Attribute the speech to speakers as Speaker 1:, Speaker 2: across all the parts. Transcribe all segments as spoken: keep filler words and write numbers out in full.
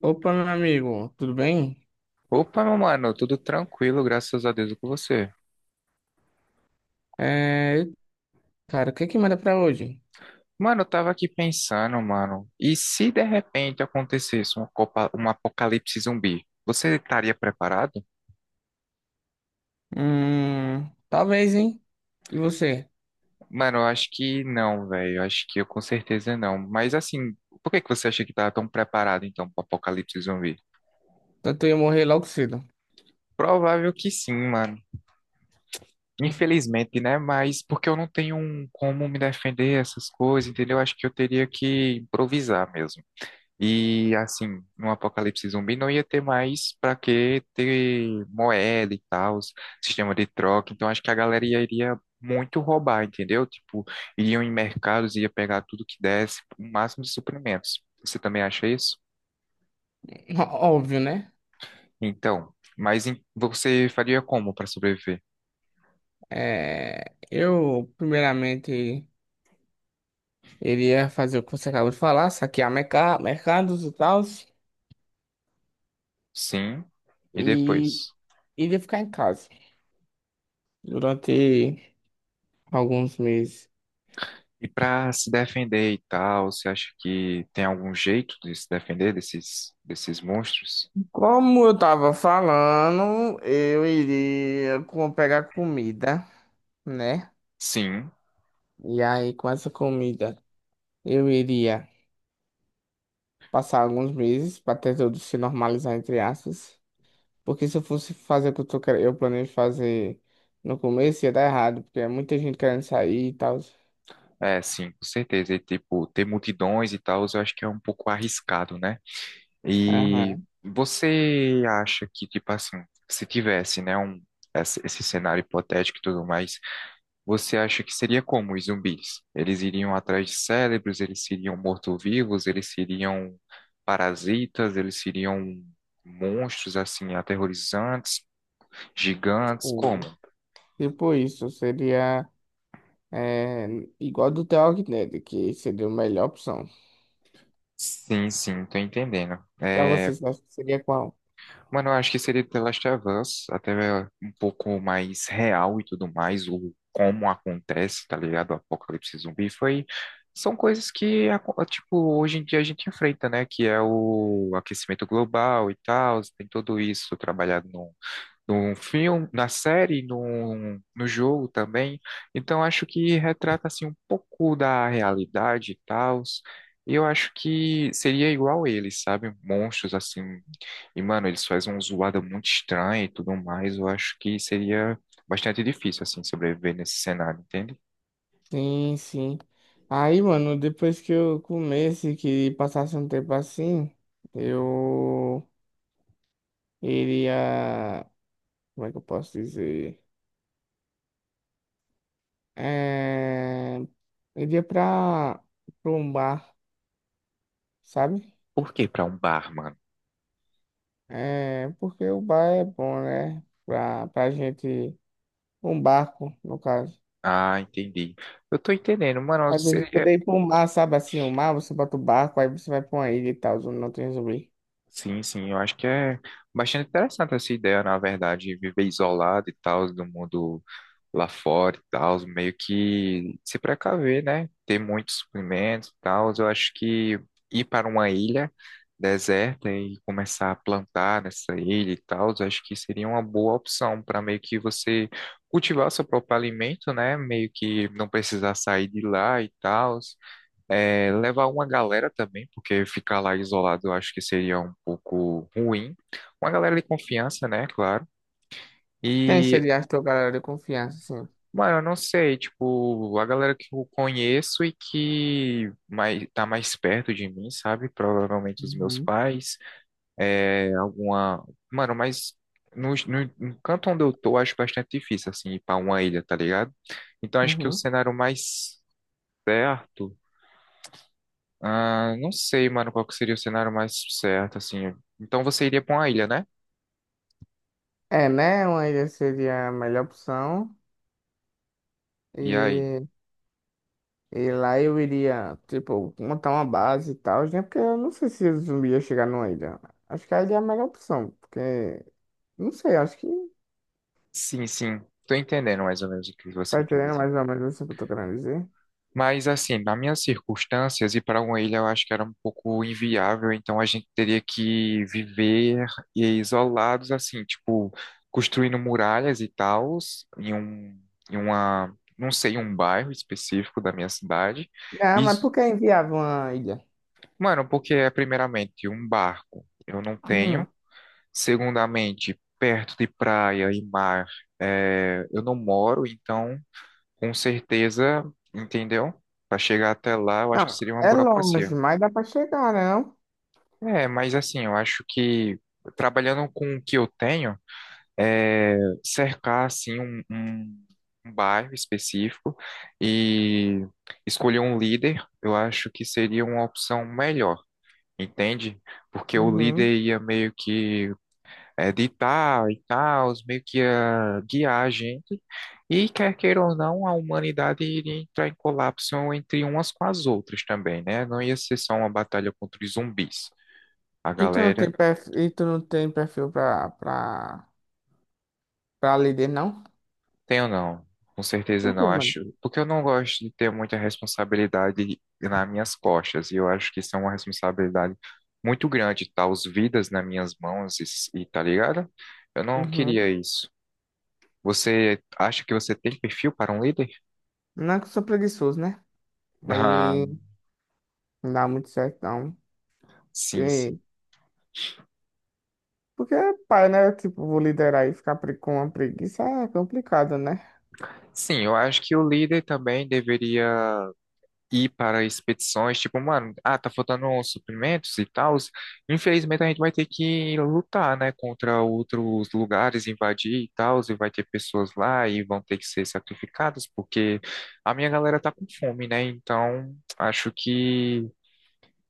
Speaker 1: Opa, meu amigo, tudo bem?
Speaker 2: Opa, meu mano, tudo tranquilo, graças a Deus e com você.
Speaker 1: É, cara, o que é que manda pra hoje?
Speaker 2: Mano, eu tava aqui pensando, mano, e se de repente acontecesse uma copa, um apocalipse zumbi, você estaria preparado?
Speaker 1: Hum, talvez, hein? E você?
Speaker 2: Mano, eu acho que não, velho, eu acho que eu com certeza não. Mas assim, por que que você acha que tava tão preparado então pro apocalipse zumbi?
Speaker 1: Tanto eu ia morrer logo cedo.
Speaker 2: Provável que sim, mano. Infelizmente, né? Mas porque eu não tenho um como me defender essas coisas, entendeu? Eu Acho que eu teria que improvisar mesmo. E assim, no apocalipse zumbi não ia ter mais para que ter moeda e tal, sistema de troca. Então acho que a galera ia- iria muito roubar, entendeu? Tipo, iriam em mercados, ia pegar tudo que desse, o máximo de suprimentos. Você também acha isso?
Speaker 1: Ó- Óbvio, né?
Speaker 2: Então, mas em- você faria como para sobreviver?
Speaker 1: É, eu, primeiramente, iria fazer o que você acabou de falar, saquear merca- mercados e tal,
Speaker 2: Sim, e
Speaker 1: e
Speaker 2: depois?
Speaker 1: iria ficar em casa durante alguns meses.
Speaker 2: E para se defender e tal, você acha que tem algum jeito de se defender desses, desses monstros?
Speaker 1: Como eu tava falando, eu iria com- pegar comida, né?
Speaker 2: Sim.
Speaker 1: E aí, com essa comida, eu iria passar alguns meses para até tudo se normalizar, entre aspas. Porque se eu fosse fazer o que eu, tô, quer- eu planejo fazer no começo, ia dar errado, porque é muita gente querendo sair e tal.
Speaker 2: É, sim, com certeza. E, tipo, ter multidões e tal, eu acho que é um pouco arriscado, né? E
Speaker 1: Aham.
Speaker 2: você acha que, tipo assim, se tivesse, né, um, esse, esse cenário hipotético e tudo mais, você acha que seria como os zumbis? Eles iriam atrás de cérebros, eles seriam mortos-vivos, eles seriam parasitas, eles seriam monstros, assim, aterrorizantes, gigantes, como?
Speaker 1: Sim. Tipo isso, seria é, igual do The Walking Dead, que seria a melhor opção.
Speaker 2: Sim, sim, tô entendendo.
Speaker 1: Para
Speaker 2: É,
Speaker 1: vocês, acho que seria qual?
Speaker 2: mano, eu acho que seria The Last of Us, até é, um pouco mais real e tudo mais, o como acontece, tá ligado? O apocalipse zumbi foi. São coisas que, aco- tipo, hoje em dia a gente enfrenta, né? Que é o aquecimento global e tal, tem tudo isso trabalhado num, num filme, na série, num, no jogo também. Então, acho que retrata, assim, um pouco da realidade e tal. E eu acho que seria igual eles, sabe? Monstros, assim, e, mano, eles fazem uma zoada muito estranha e tudo mais. Eu acho que seria bastante difícil, assim, sobreviver nesse cenário, entende?
Speaker 1: Sim, sim. Aí, mano, depois que eu comesse, que passasse um tempo assim, eu iria. Como é que eu posso dizer? É, iria pra, pra um bar, sabe?
Speaker 2: Por que pra um bar, mano?
Speaker 1: É, porque o bar é bom, né? Pra, pra gente. Um barco, no caso.
Speaker 2: Ah, entendi. Eu tô entendendo, mano.
Speaker 1: Às vezes poder ir pra um mar, sabe? Assim, um mar, você bota o barco, aí você vai pra uma ilha e tal, onde não tem zumbi.
Speaker 2: Sim, sim, eu acho que é bastante interessante essa ideia, na verdade, de viver isolado e tal, do mundo lá fora e tal, meio que se precaver, né? Ter muitos suprimentos e tal. Eu acho que ir para uma ilha deserta e começar a plantar nessa ilha e tal, eu acho que seria uma boa opção para meio que você cultivar o seu próprio alimento, né? Meio que não precisar sair de lá e tal. É, levar uma galera também, porque ficar lá isolado eu acho que seria um pouco ruim. Uma galera de confiança, né? Claro.
Speaker 1: Quem
Speaker 2: E,
Speaker 1: seria a tua galera de confiança, assim?
Speaker 2: mano, eu não sei, tipo, a galera que eu conheço e que mais, tá mais perto de mim, sabe? Provavelmente os meus
Speaker 1: Uhum.
Speaker 2: pais, é, alguma. Mano, mas. No, no, no canto onde eu tô, acho bastante difícil, assim, ir pra uma ilha, tá ligado? Então, acho que o
Speaker 1: Uhum.
Speaker 2: cenário mais certo. Ah, não sei, mano, qual que seria o cenário mais certo, assim. Então você iria pra uma ilha, né?
Speaker 1: É, né? Uma ilha seria a melhor opção.
Speaker 2: E aí?
Speaker 1: E E lá eu iria, tipo, montar uma base e tal, né? Porque eu não sei se o zumbi ia chegar numa ilha. Acho que a ilha é a melhor opção, porque, não sei, acho que
Speaker 2: Sim, sim. Tô entendendo mais ou menos o que
Speaker 1: tá
Speaker 2: você quer
Speaker 1: entendendo
Speaker 2: dizer.
Speaker 1: mais ou menos isso que eu tô querendo dizer.
Speaker 2: Mas, assim, nas minhas circunstâncias, ir para uma ilha eu acho que era um pouco inviável, então a gente teria que viver e isolados, assim, tipo, construindo muralhas e tals, em um, em uma, não sei, um bairro específico da minha cidade.
Speaker 1: Não,
Speaker 2: E,
Speaker 1: mas por que enviava uma ilha?
Speaker 2: mano, porque é primeiramente um barco. Eu não
Speaker 1: Hum.
Speaker 2: tenho. Segundamente, perto de praia e mar, é, eu não moro, então, com certeza, entendeu? Para chegar até lá, eu acho que
Speaker 1: Não,
Speaker 2: seria uma
Speaker 1: é longe,
Speaker 2: burocracia.
Speaker 1: mas dá pra chegar, né? Não?
Speaker 2: É, mas assim, eu acho que trabalhando com o que eu tenho, é, cercar assim um, um- um bairro específico e escolher um líder, eu acho que seria uma opção melhor, entende? Porque o
Speaker 1: Uhum.
Speaker 2: líder ia meio que editar e tal, meio que ia guiar a gente, e quer queira ou não, a humanidade iria entrar em colapso entre umas com as outras também, né? Não ia ser só uma batalha contra os zumbis. A
Speaker 1: E tu não tem
Speaker 2: galera,
Speaker 1: perfil, e tu não tem perfil pra, pra, pra líder, não?
Speaker 2: tem ou não? Com certeza
Speaker 1: Por quê,
Speaker 2: não,
Speaker 1: mano?
Speaker 2: acho. Porque eu não gosto de ter muita responsabilidade nas minhas costas, e eu acho que isso é uma responsabilidade muito grande, tá? Os vidas nas minhas mãos, e, e tá ligado? Eu não queria
Speaker 1: Uhum.
Speaker 2: isso. Você acha que você tem perfil para um líder?
Speaker 1: Não é que eu sou preguiçoso, né? Aí não dá muito certo, não.
Speaker 2: Sim, sim.
Speaker 1: Porque, é pai, né? Tipo, vou liderar e ficar pre- com uma preguiça é complicado, né?
Speaker 2: Sim, eu acho que o líder também deveria ir para expedições, tipo, mano, ah, tá faltando uns suprimentos e tal. Infelizmente a gente vai ter que lutar, né, contra outros lugares, invadir e tal, e vai ter pessoas lá e vão ter que ser sacrificadas, porque a minha galera tá com fome, né? Então, acho que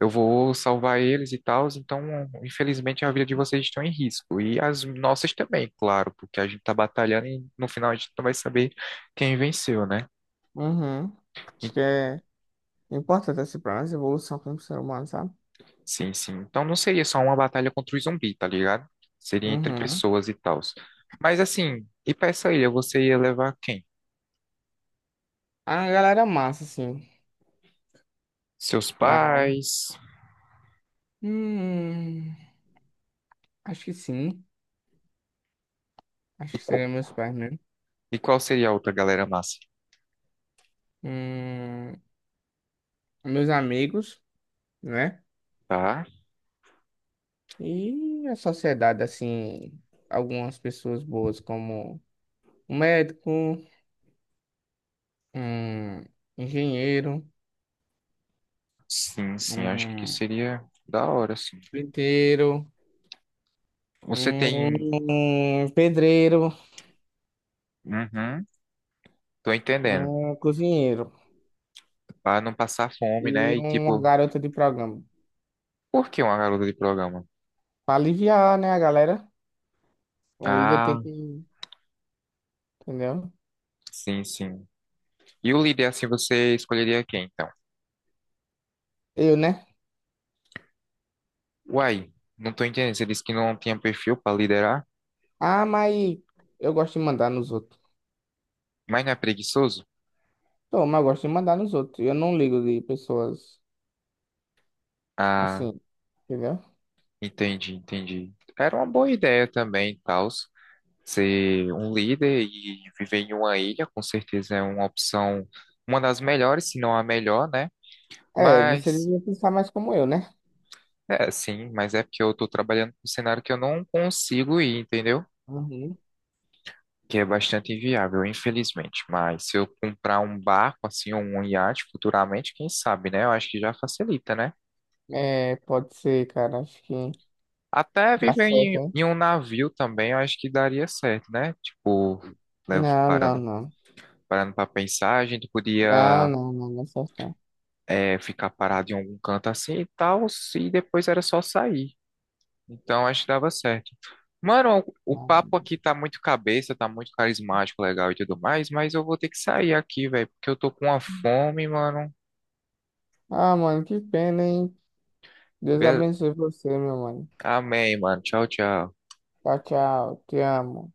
Speaker 2: eu vou salvar eles e tal, então infelizmente a vida de vocês estão em risco. E as nossas também, claro, porque a gente tá batalhando e no final a gente não vai saber quem venceu, né?
Speaker 1: Uhum.
Speaker 2: E-
Speaker 1: Acho que é importante, assim, pra nossa evolução como ser humano, sabe?
Speaker 2: Sim, sim. Então não seria só uma batalha contra o zumbi, tá ligado? Seria entre
Speaker 1: Uhum.
Speaker 2: pessoas e tal. Mas assim, e pra essa ilha, você ia levar quem?
Speaker 1: A galera massa, assim,
Speaker 2: Seus
Speaker 1: pra...
Speaker 2: pais?
Speaker 1: Hum, acho que sim. Acho que seriam meus pais mesmo.
Speaker 2: E qual seria a outra galera massa?
Speaker 1: Hum, meus amigos, né?
Speaker 2: Tá?
Speaker 1: E a sociedade, assim, algumas pessoas boas como um médico, um engenheiro,
Speaker 2: Sim, sim, acho que
Speaker 1: um
Speaker 2: seria da hora, sim.
Speaker 1: pinteiro,
Speaker 2: Você tem.
Speaker 1: um pedreiro,
Speaker 2: Uhum, tô entendendo.
Speaker 1: um cozinheiro
Speaker 2: Pra não passar fome, né?
Speaker 1: e
Speaker 2: E
Speaker 1: uma
Speaker 2: tipo,
Speaker 1: garota de programa.
Speaker 2: por que uma garota de programa?
Speaker 1: Pra aliviar, né, a galera? Um líder tem
Speaker 2: Ah,
Speaker 1: que. Entendeu?
Speaker 2: sim, sim. E o líder, assim, você escolheria quem, então?
Speaker 1: Eu, né?
Speaker 2: Uai, não tô entendendo. Você disse que não tinha perfil pra liderar,
Speaker 1: Ah, mas eu gosto de mandar nos outros.
Speaker 2: mas não é preguiçoso?
Speaker 1: Tô, mas eu gosto de mandar nos outros. Eu não ligo de pessoas
Speaker 2: Ah,
Speaker 1: assim, entendeu?
Speaker 2: entendi, entendi. Era uma boa ideia também, tal. Ser um líder e viver em uma ilha, com certeza é uma opção, uma das melhores, se não a melhor, né?
Speaker 1: É, você
Speaker 2: Mas,
Speaker 1: devia pensar mais como eu, né?
Speaker 2: é, sim, mas é porque eu tô trabalhando com um cenário que eu não consigo ir, entendeu?
Speaker 1: Uhum.
Speaker 2: Que é bastante inviável, infelizmente. Mas se eu comprar um barco, assim, ou um iate futuramente, quem sabe, né? Eu acho que já facilita, né?
Speaker 1: É, pode ser, cara. Acho que
Speaker 2: Até
Speaker 1: dá
Speaker 2: viver
Speaker 1: certo,
Speaker 2: em,
Speaker 1: hein?
Speaker 2: em um navio também, eu acho que daria certo, né? Tipo, né,
Speaker 1: Não, não,
Speaker 2: parando,
Speaker 1: não.
Speaker 2: parando para pensar, a gente
Speaker 1: Não,
Speaker 2: podia
Speaker 1: não, não, não é certo.
Speaker 2: é, ficar parado em algum canto assim e tal, e depois era só sair. Então, acho que dava certo. Mano, o o
Speaker 1: Não.
Speaker 2: papo
Speaker 1: Não.
Speaker 2: aqui tá muito cabeça, tá muito carismático, legal e tudo mais, mas eu vou ter que sair aqui, velho, porque eu tô com uma fome, mano.
Speaker 1: Ah, mano, que pena, hein? Deus
Speaker 2: Beleza.
Speaker 1: abençoe você, meu mano.
Speaker 2: Amém, mano. Tchau, tchau.
Speaker 1: Tchau, tchau. Te amo.